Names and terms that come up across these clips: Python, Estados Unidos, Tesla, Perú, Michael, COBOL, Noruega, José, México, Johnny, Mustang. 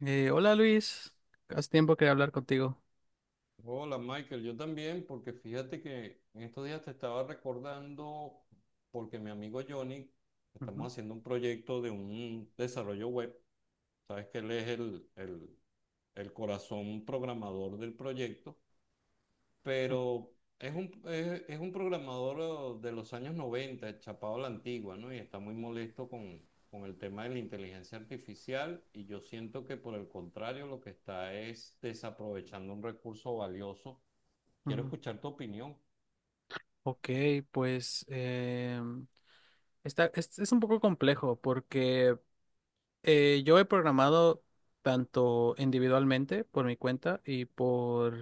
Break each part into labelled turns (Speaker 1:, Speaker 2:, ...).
Speaker 1: Hola Luis, hace tiempo que hablar contigo.
Speaker 2: Hola Michael, yo también, porque fíjate que en estos días te estaba recordando, porque mi amigo Johnny,
Speaker 1: Ujú,
Speaker 2: estamos haciendo un proyecto de un desarrollo web. Sabes que él es el corazón programador del proyecto, pero es un programador de los años 90, chapado a la antigua, ¿no? Y está muy molesto con el tema de la inteligencia artificial y yo siento que, por el contrario, lo que está es desaprovechando un recurso valioso. Quiero
Speaker 1: ujú.
Speaker 2: escuchar tu opinión.
Speaker 1: Ok, pues es un poco complejo porque yo he programado tanto individualmente por mi cuenta y por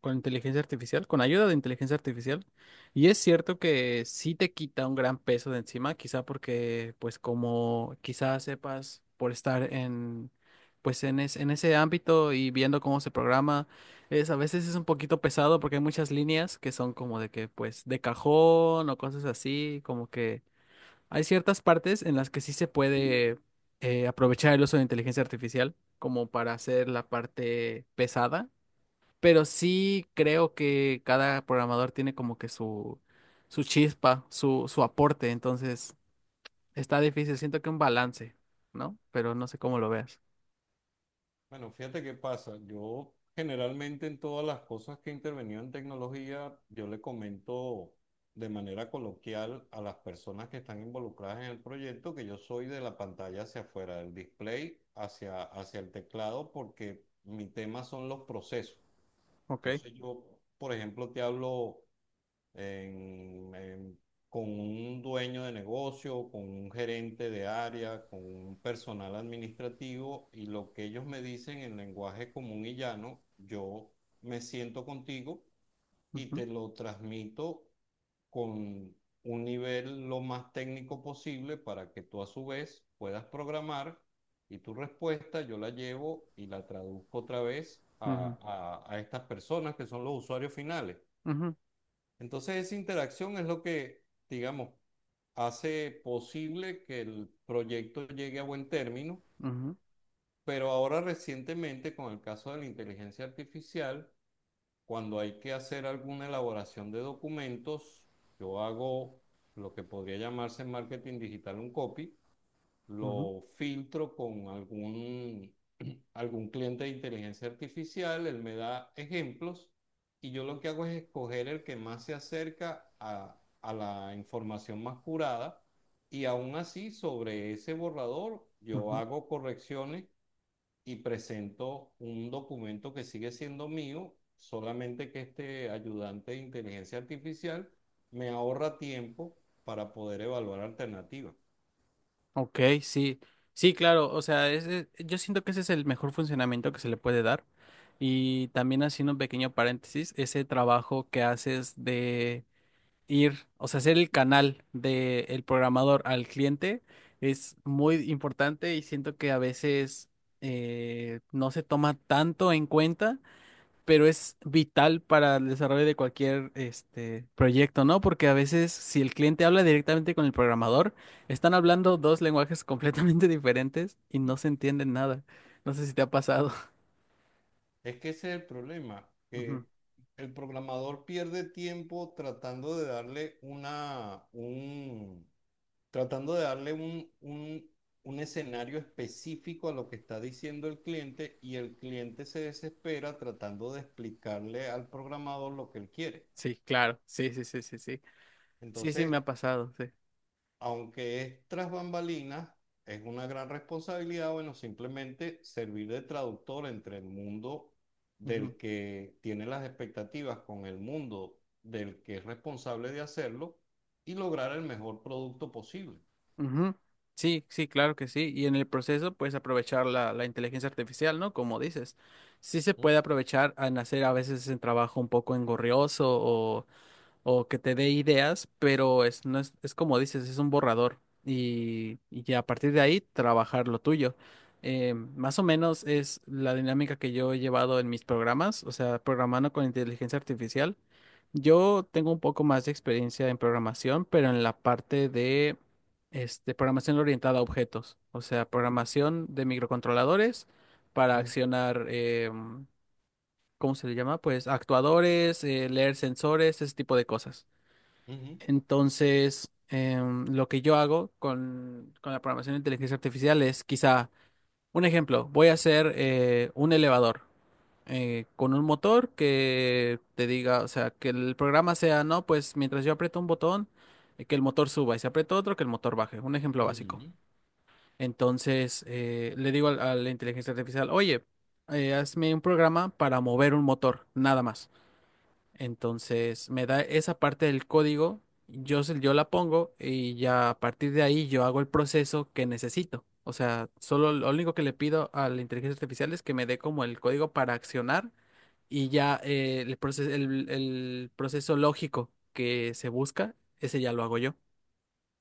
Speaker 1: con inteligencia artificial, con ayuda de inteligencia artificial. Y es cierto que sí te quita un gran peso de encima, quizá porque, pues, como quizás sepas por estar en, pues, en ese ámbito y viendo cómo se programa, es a veces es un poquito pesado porque hay muchas líneas que son como pues, de cajón o cosas así, como que hay ciertas partes en las que sí se puede aprovechar el uso de inteligencia artificial como para hacer la parte pesada, pero sí creo que cada programador tiene como que su chispa, su aporte. Entonces, está difícil, siento que un balance, ¿no? Pero no sé cómo lo veas.
Speaker 2: Bueno, fíjate qué pasa. Yo generalmente en todas las cosas que he intervenido en tecnología, yo le comento de manera coloquial a las personas que están involucradas en el proyecto que yo soy de la pantalla hacia afuera, del display hacia, hacia el teclado, porque mi tema son los procesos.
Speaker 1: Ok.
Speaker 2: Entonces yo, por ejemplo, te hablo en- en- con un dueño de negocio, con un gerente de área, con un personal administrativo, y lo que ellos me dicen en lenguaje común y llano, yo me siento contigo y
Speaker 1: Ujú,
Speaker 2: te lo transmito con un nivel lo más técnico posible para que tú a su vez puedas programar, y tu respuesta yo la llevo y la traduzco otra vez
Speaker 1: ujú,
Speaker 2: a estas personas que son los usuarios finales.
Speaker 1: ujú,
Speaker 2: Entonces esa interacción es lo que, digamos, hace posible que el proyecto llegue a buen término,
Speaker 1: ujú,
Speaker 2: pero ahora recientemente, con el caso de la inteligencia artificial, cuando hay que hacer alguna elaboración de documentos, yo hago lo que podría llamarse en marketing digital un copy,
Speaker 1: ujú,
Speaker 2: lo filtro con algún cliente de inteligencia artificial, él me da ejemplos y yo lo que hago es escoger el que más se acerca a la información más curada, y aún así sobre ese borrador yo
Speaker 1: ujú.
Speaker 2: hago correcciones y presento un documento que sigue siendo mío, solamente que este ayudante de inteligencia artificial me ahorra tiempo para poder evaluar alternativas.
Speaker 1: Ok, sí, sí, claro, o sea, yo siento que ese es el mejor funcionamiento que se le puede dar. Y también haciendo un pequeño paréntesis, ese trabajo que haces de ir, o sea, hacer el canal del programador al cliente es muy importante y siento que a veces no se toma tanto en cuenta, pero es vital para el desarrollo de cualquier este, proyecto, ¿no? Porque a veces si el cliente habla directamente con el programador, están hablando dos lenguajes completamente diferentes y no se entienden nada. No sé si te ha pasado.
Speaker 2: Es que ese es el problema,
Speaker 1: Ujú.
Speaker 2: que el programador pierde tiempo tratando de darle un escenario específico a lo que está diciendo el cliente, y el cliente se desespera tratando de explicarle al programador lo que él quiere.
Speaker 1: Sí, claro, sí, sí, sí, sí, sí. Sí, sí,
Speaker 2: Entonces,
Speaker 1: me ha pasado, sí.
Speaker 2: aunque es tras bambalinas, es una gran responsabilidad, bueno, simplemente servir de traductor entre el mundo
Speaker 1: Ujú.
Speaker 2: del que tiene las expectativas con el mundo del que es responsable de hacerlo y lograr el mejor producto posible.
Speaker 1: Ujú. Sí, sí, claro que sí. Y en el proceso puedes aprovechar la inteligencia artificial, ¿no? Como dices. Sí se
Speaker 2: Ujú,
Speaker 1: puede aprovechar en hacer a veces el trabajo un poco engorrioso, o que te dé ideas, pero es, no es, es como dices, es un borrador, y ya a partir de ahí trabajar lo tuyo. Más o menos es la dinámica que yo he llevado en mis programas, o sea, programando con inteligencia artificial. Yo tengo un poco más de experiencia en programación, pero en la parte de este, programación orientada a objetos, o sea, programación de microcontroladores para accionar, ¿cómo se le llama? Pues actuadores, leer sensores, ese tipo de cosas.
Speaker 2: ujú,
Speaker 1: Entonces, lo que yo hago con la programación de inteligencia artificial es quizá, un ejemplo, voy a hacer un elevador con un motor que te diga, o sea, que el programa sea, no, pues mientras yo aprieto un botón, que el motor suba y si aprieto otro, que el motor baje. Un ejemplo básico.
Speaker 2: ujú.
Speaker 1: Entonces, le digo a la inteligencia artificial, oye, hazme un programa para mover un motor, nada más. Entonces me da esa parte del código, yo la pongo y ya a partir de ahí yo hago el proceso que necesito. O sea, solo lo único que le pido a la inteligencia artificial es que me dé como el código para accionar, y ya el proceso, el proceso lógico que se busca, ese ya lo hago yo.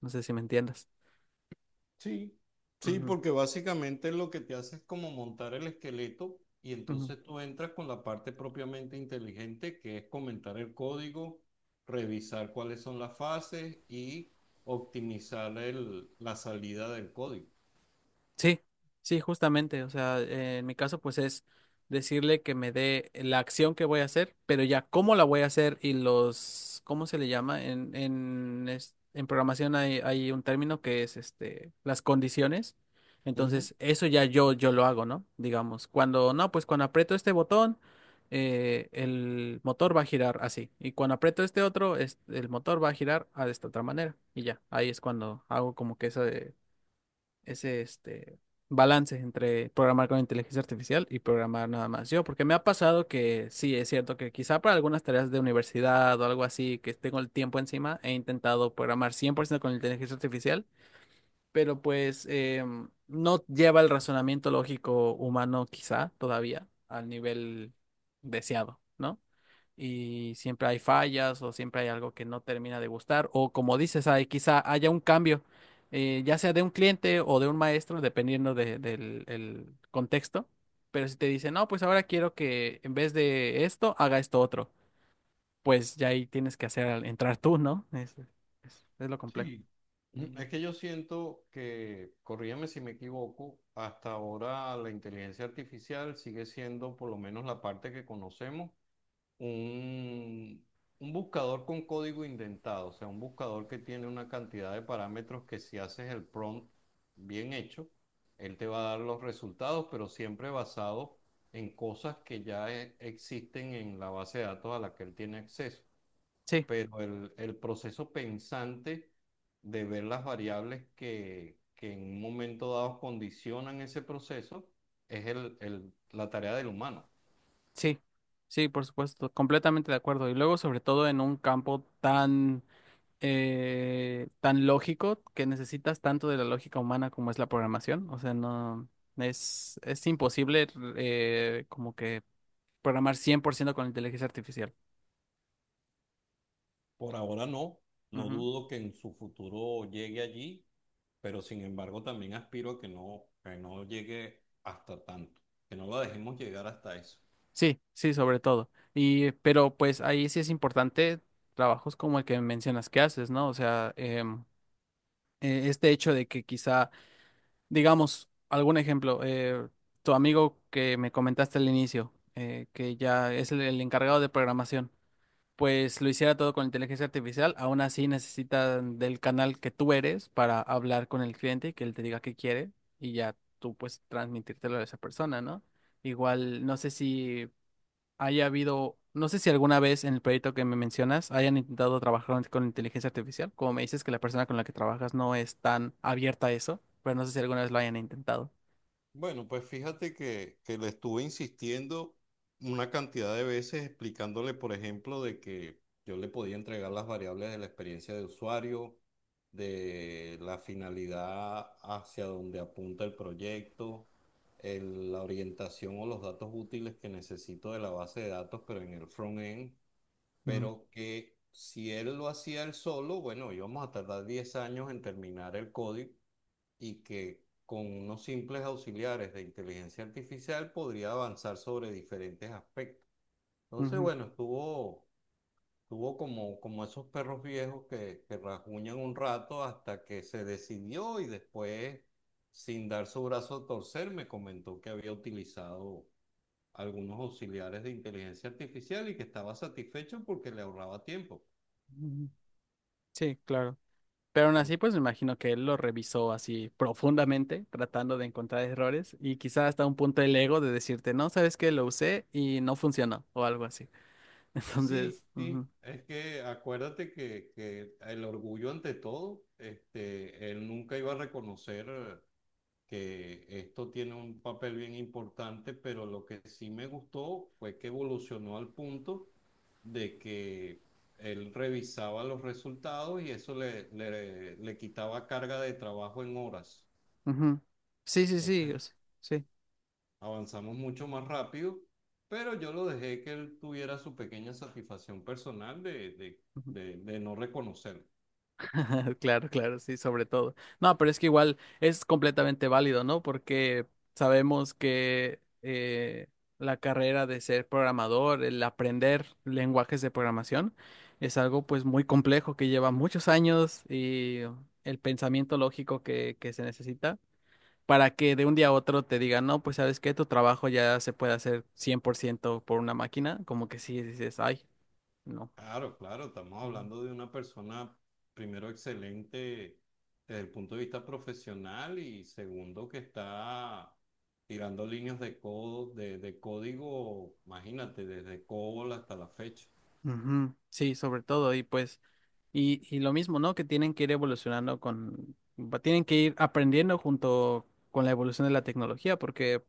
Speaker 1: No sé si me entiendas.
Speaker 2: Sí, sí,
Speaker 1: Ujú,
Speaker 2: porque básicamente lo que te hace es como montar el esqueleto, y
Speaker 1: ujú.
Speaker 2: entonces tú entras con la parte propiamente inteligente, que es comentar el código, revisar cuáles son las fases y optimizar la salida del código.
Speaker 1: Sí, sí, justamente. O sea, en mi caso, pues es decirle que me dé la acción que voy a hacer, pero ya cómo la voy a hacer y los, ¿cómo se le llama? En programación hay un término que es este, las condiciones.
Speaker 2: Ujú,
Speaker 1: Entonces, eso ya yo lo hago, ¿no? Digamos, cuando no, pues cuando aprieto este botón, el motor va a girar así. Y cuando aprieto este otro, el motor va a girar de esta otra manera. Y ya, ahí es cuando hago como que eso ese este, balance entre programar con inteligencia artificial y programar nada más yo, porque me ha pasado que sí, es cierto que quizá para algunas tareas de universidad o algo así, que tengo el tiempo encima, he intentado programar 100% con inteligencia artificial, pero pues no lleva el razonamiento lógico humano quizá todavía al nivel deseado, ¿no? Y siempre hay fallas o siempre hay algo que no termina de gustar, o como dices, hay, quizá haya un cambio, ya sea de un cliente o de un maestro, dependiendo de- del el contexto, pero si te dicen, no, pues ahora quiero que en vez de esto haga esto otro, pues ya ahí tienes que hacer entrar tú, ¿no? Es lo complejo.
Speaker 2: sí. Ujú.
Speaker 1: Mm.
Speaker 2: Es que yo siento que, corrígeme si me equivoco, hasta ahora la inteligencia artificial sigue siendo, por lo menos la parte que conocemos, un, un buscador con código indentado, o sea, un buscador que tiene una cantidad de parámetros que, si haces el prompt bien hecho, él te va a dar los resultados, pero siempre basado en cosas que ya existen en la base de datos a la que él tiene acceso.
Speaker 1: Sí,
Speaker 2: Pero el proceso pensante de ver las variables que en un momento dado condicionan ese proceso es la tarea del humano.
Speaker 1: sí, sí, por supuesto, completamente de acuerdo. Y luego, sobre todo en un campo tan tan lógico que necesitas tanto de la lógica humana como es la programación. O sea, no es, es imposible como que programar 100% con inteligencia artificial.
Speaker 2: Por ahora no, no
Speaker 1: Ujú.
Speaker 2: dudo que en su futuro llegue allí, pero sin embargo también aspiro a que no llegue hasta tanto, que no la dejemos llegar hasta eso.
Speaker 1: Sí, sí, sobre todo. Y, pero pues ahí sí es importante trabajos como el que mencionas que haces, ¿no? O sea, este hecho de que quizá, digamos, algún ejemplo, tu amigo que me comentaste al inicio, que ya es el encargado de programación, pues lo hiciera todo con inteligencia artificial. Aún así necesitan del canal que tú eres para hablar con el cliente y que él te diga qué quiere, y ya tú pues transmitírtelo a esa persona, ¿no? Igual, no sé si haya habido, no sé si alguna vez en el proyecto que me mencionas hayan intentado trabajar con inteligencia artificial, como me dices que la persona con la que trabajas no es tan abierta a eso, pero no sé si alguna vez lo hayan intentado.
Speaker 2: Bueno, pues fíjate que le estuve insistiendo una cantidad de veces explicándole, por ejemplo, de que yo le podía entregar las variables de la experiencia de usuario, de la finalidad hacia donde apunta el proyecto, la orientación o los datos útiles que necesito de la base de datos, pero en el front-end,
Speaker 1: Ujú,
Speaker 2: pero que si él lo hacía él solo, bueno, íbamos a tardar 10 años en terminar el código, y que con unos simples auxiliares de inteligencia artificial podría avanzar sobre diferentes aspectos. Entonces,
Speaker 1: ujú,
Speaker 2: bueno, estuvo como esos perros viejos que rasguñan un rato hasta que se decidió y, después, sin dar su brazo a torcer, me comentó que había utilizado algunos auxiliares de inteligencia artificial y que estaba satisfecho porque le ahorraba tiempo.
Speaker 1: ujú. Sí, claro. Pero aún así, pues me imagino que él lo revisó así profundamente, tratando de encontrar errores y quizá hasta un punto el ego de decirte, no, sabes que lo usé y no funcionó o algo así.
Speaker 2: Sí,
Speaker 1: Entonces,
Speaker 2: sí,
Speaker 1: ujú,
Speaker 2: es que acuérdate que el orgullo ante todo, este, él nunca iba a reconocer que esto tiene un papel bien importante, pero lo que sí me gustó fue que evolucionó al punto de que él revisaba los resultados y eso le quitaba carga de trabajo en horas.
Speaker 1: ujú. Sí, sí, sí,
Speaker 2: Entonces,
Speaker 1: o sea, sí.
Speaker 2: avanzamos mucho más rápido, pero yo lo dejé que él tuviera su pequeña satisfacción personal de no reconocer.
Speaker 1: Claro, claro, sí, sobre todo. No, pero es que igual es completamente válido, ¿no? Porque sabemos que la carrera de ser programador, el aprender lenguajes de programación, es algo pues muy complejo que lleva muchos años, y el pensamiento lógico que se necesita para que de un día a otro te digan, no, pues sabes que tu trabajo ya se puede hacer 100% por ciento por una máquina, como que sí dices, ay, no.
Speaker 2: Claro, claro, estamos
Speaker 1: Ujú.
Speaker 2: hablando de una persona, primero, excelente desde el punto de vista profesional y, segundo, que está tirando líneas de código, imagínate, desde COBOL hasta la fecha.
Speaker 1: Ujú. Sí, sobre todo, y pues... Y lo mismo, ¿no? Que tienen que ir evolucionando con, tienen que ir aprendiendo junto con la evolución de la tecnología, porque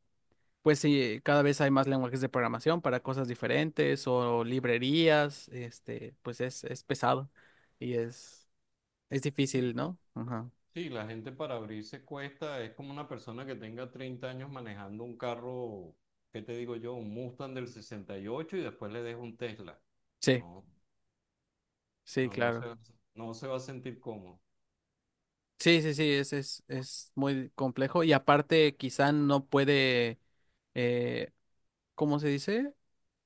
Speaker 1: pues sí, cada vez hay más lenguajes de programación para cosas diferentes o librerías, este, pues es pesado y es difícil, ¿no? Ajá.
Speaker 2: Sí, la gente para abrirse cuesta, es como una persona que tenga 30 años manejando un carro, ¿qué te digo yo? Un Mustang del 68 y ocho, y después le dejo un Tesla.
Speaker 1: Sí,
Speaker 2: No,
Speaker 1: sí,
Speaker 2: no,
Speaker 1: claro.
Speaker 2: no se va a sentir cómodo.
Speaker 1: Sí, sí, sí, es muy complejo y aparte quizá no puede, eh, ¿cómo se dice?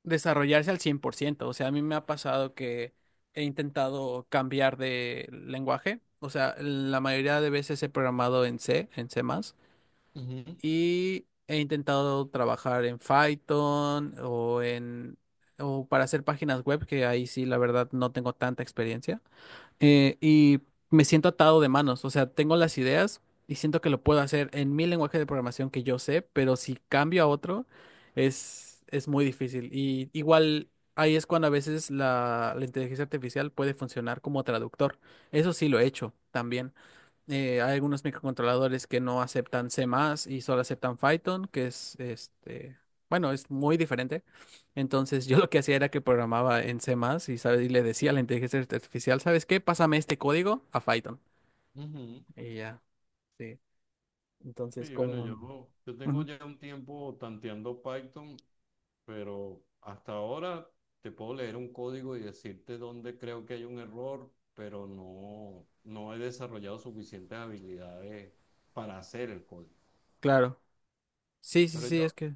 Speaker 1: Desarrollarse al cien por ciento. O sea, a mí me ha pasado que he intentado cambiar de lenguaje. O sea, la mayoría de veces he programado en C, en C++,
Speaker 2: Ujú,
Speaker 1: y he intentado trabajar en Python o en, o para hacer páginas web, que ahí sí, la verdad, no tengo tanta experiencia, y me siento atado de manos, o sea, tengo las ideas y siento que lo puedo hacer en mi lenguaje de programación que yo sé, pero si cambio a otro es muy difícil. Y igual ahí es cuando a veces la inteligencia artificial puede funcionar como traductor. Eso sí lo he hecho también. Hay algunos microcontroladores que no aceptan C++ más y solo aceptan Python, que es este, bueno, es muy diferente. Entonces yo lo que hacía era que programaba en C++ más y, sabes, y le decía a la inteligencia artificial, ¿sabes qué? Pásame este código a Python.
Speaker 2: ujú.
Speaker 1: Y ya, sí. Entonces
Speaker 2: Sí, bueno,
Speaker 1: como...
Speaker 2: yo tengo
Speaker 1: Ujú,
Speaker 2: ya un tiempo tanteando Python, pero hasta ahora te puedo leer un código y decirte dónde creo que hay un error, pero no he desarrollado suficientes habilidades para hacer el código.
Speaker 1: claro. Sí, sí,
Speaker 2: Pero
Speaker 1: sí,
Speaker 2: yo,
Speaker 1: es que...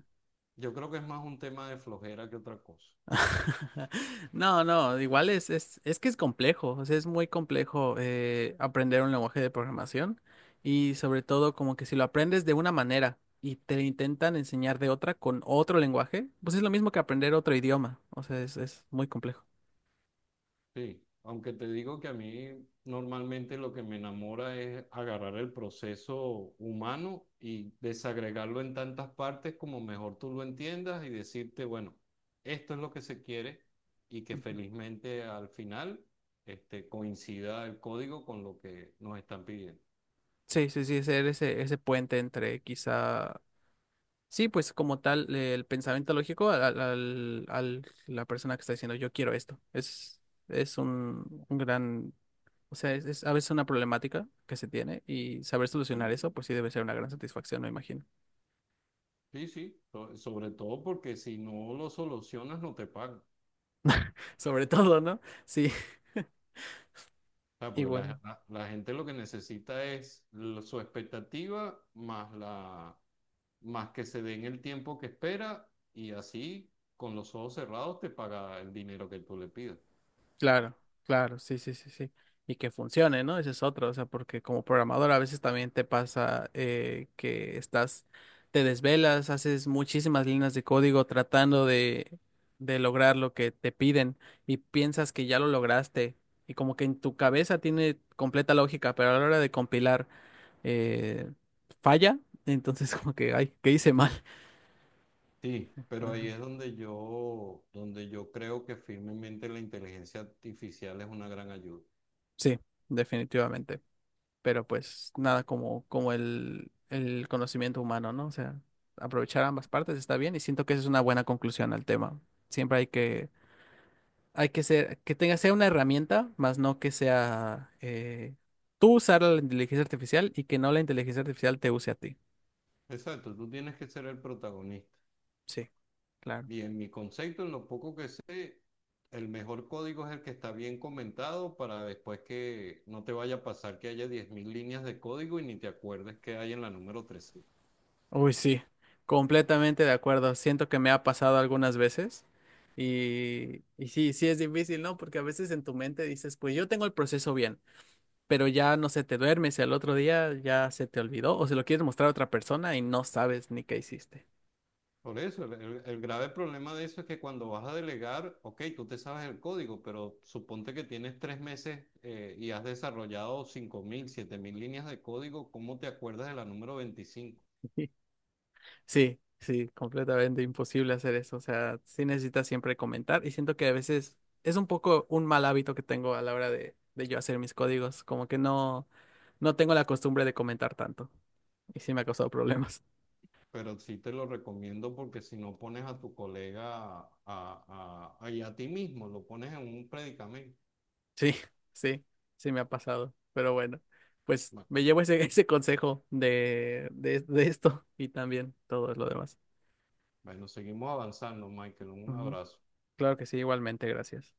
Speaker 2: Yo creo que es más un tema de flojera que otra cosa.
Speaker 1: No, no, igual es que es complejo, o sea, es muy complejo aprender un lenguaje de programación, y sobre todo como que si lo aprendes de una manera y te lo intentan enseñar de otra con otro lenguaje, pues es lo mismo que aprender otro idioma, o sea, es muy complejo.
Speaker 2: Sí, aunque te digo que a mí normalmente lo que me enamora es agarrar el proceso humano y desagregarlo en tantas partes como mejor tú lo entiendas y decirte, bueno, esto es lo que se quiere y que,
Speaker 1: Ujú.
Speaker 2: felizmente, al final, este, coincida el código con lo que nos están pidiendo.
Speaker 1: Sí, sí, sí, ser ese, ese puente entre quizá. Sí, pues como tal, el pensamiento lógico al, al, al- al- la persona que está diciendo yo quiero esto. Es un gran, o sea, es a veces una problemática que se tiene, y saber solucionar eso, pues sí debe ser una gran satisfacción, me imagino.
Speaker 2: Sí, sí, sobre todo porque si no lo solucionas no te pagan.
Speaker 1: Sobre todo, ¿no? Sí,
Speaker 2: Claro, porque
Speaker 1: igual.
Speaker 2: la gente lo que necesita es su expectativa, más que se den el tiempo que espera y así, con los ojos cerrados, te paga el dinero que tú le pidas.
Speaker 1: Claro, claro, sí, sí, sí, sí. Y que funcione, ¿no? Ese es otro, o sea, porque como programador a veces también te pasa que estás, te desvelas, haces muchísimas líneas de código tratando de lograr lo que te piden, y piensas que ya lo lograste y como que en tu cabeza tiene completa lógica, pero a la hora de compilar eh, falla, entonces como que, ay, ¿qué hice mal?
Speaker 2: Sí, pero ahí
Speaker 1: Ajá.
Speaker 2: es donde yo creo que firmemente la inteligencia artificial es una gran ayuda.
Speaker 1: Sí, definitivamente. Pero pues nada como, como el conocimiento humano, ¿no? O sea, aprovechar ambas partes está bien y siento que esa es una buena conclusión al tema. Siempre hay que ser, que tenga, sea una herramienta, más no que sea tú usar la inteligencia artificial y que no la inteligencia artificial te use a ti.
Speaker 2: Exacto, tú tienes que ser el protagonista.
Speaker 1: Sí, claro.
Speaker 2: Y en mi concepto, en lo poco que sé, el mejor código es el que está bien comentado, para después que no te vaya a pasar que haya 10.000 líneas de código y ni te acuerdes que hay en la número 13.
Speaker 1: Uy, sí, completamente de acuerdo. Siento que me ha pasado algunas veces. Y sí, sí es difícil, ¿no? Porque a veces en tu mente dices, pues yo tengo el proceso bien, pero ya no sé, te duermes y al otro día ya se te olvidó o se lo quieres mostrar a otra persona y no sabes ni qué hiciste.
Speaker 2: Por eso, el grave problema de eso es que cuando vas a delegar, ok, tú te sabes el código, pero suponte que tienes 3 meses y has desarrollado cinco mil siete mil líneas de código, ¿cómo te acuerdas de la número 25?
Speaker 1: Sí, sí, completamente imposible hacer eso. O sea, sí necesitas siempre comentar, y siento que a veces es un poco un mal hábito que tengo a la hora de yo hacer mis códigos, como que no, no tengo la costumbre de comentar tanto y sí me ha causado problemas.
Speaker 2: Pero sí te lo recomiendo, porque si no pones a tu colega y a ti mismo, lo pones en un predicamento.
Speaker 1: Sí, sí, sí me ha pasado, pero bueno, pues
Speaker 2: Bueno,
Speaker 1: me llevo ese, ese consejo de esto y también todo lo demás.
Speaker 2: bueno, seguimos avanzando, Michael. Un
Speaker 1: Ujú.
Speaker 2: abrazo.
Speaker 1: Claro que sí, igualmente, gracias.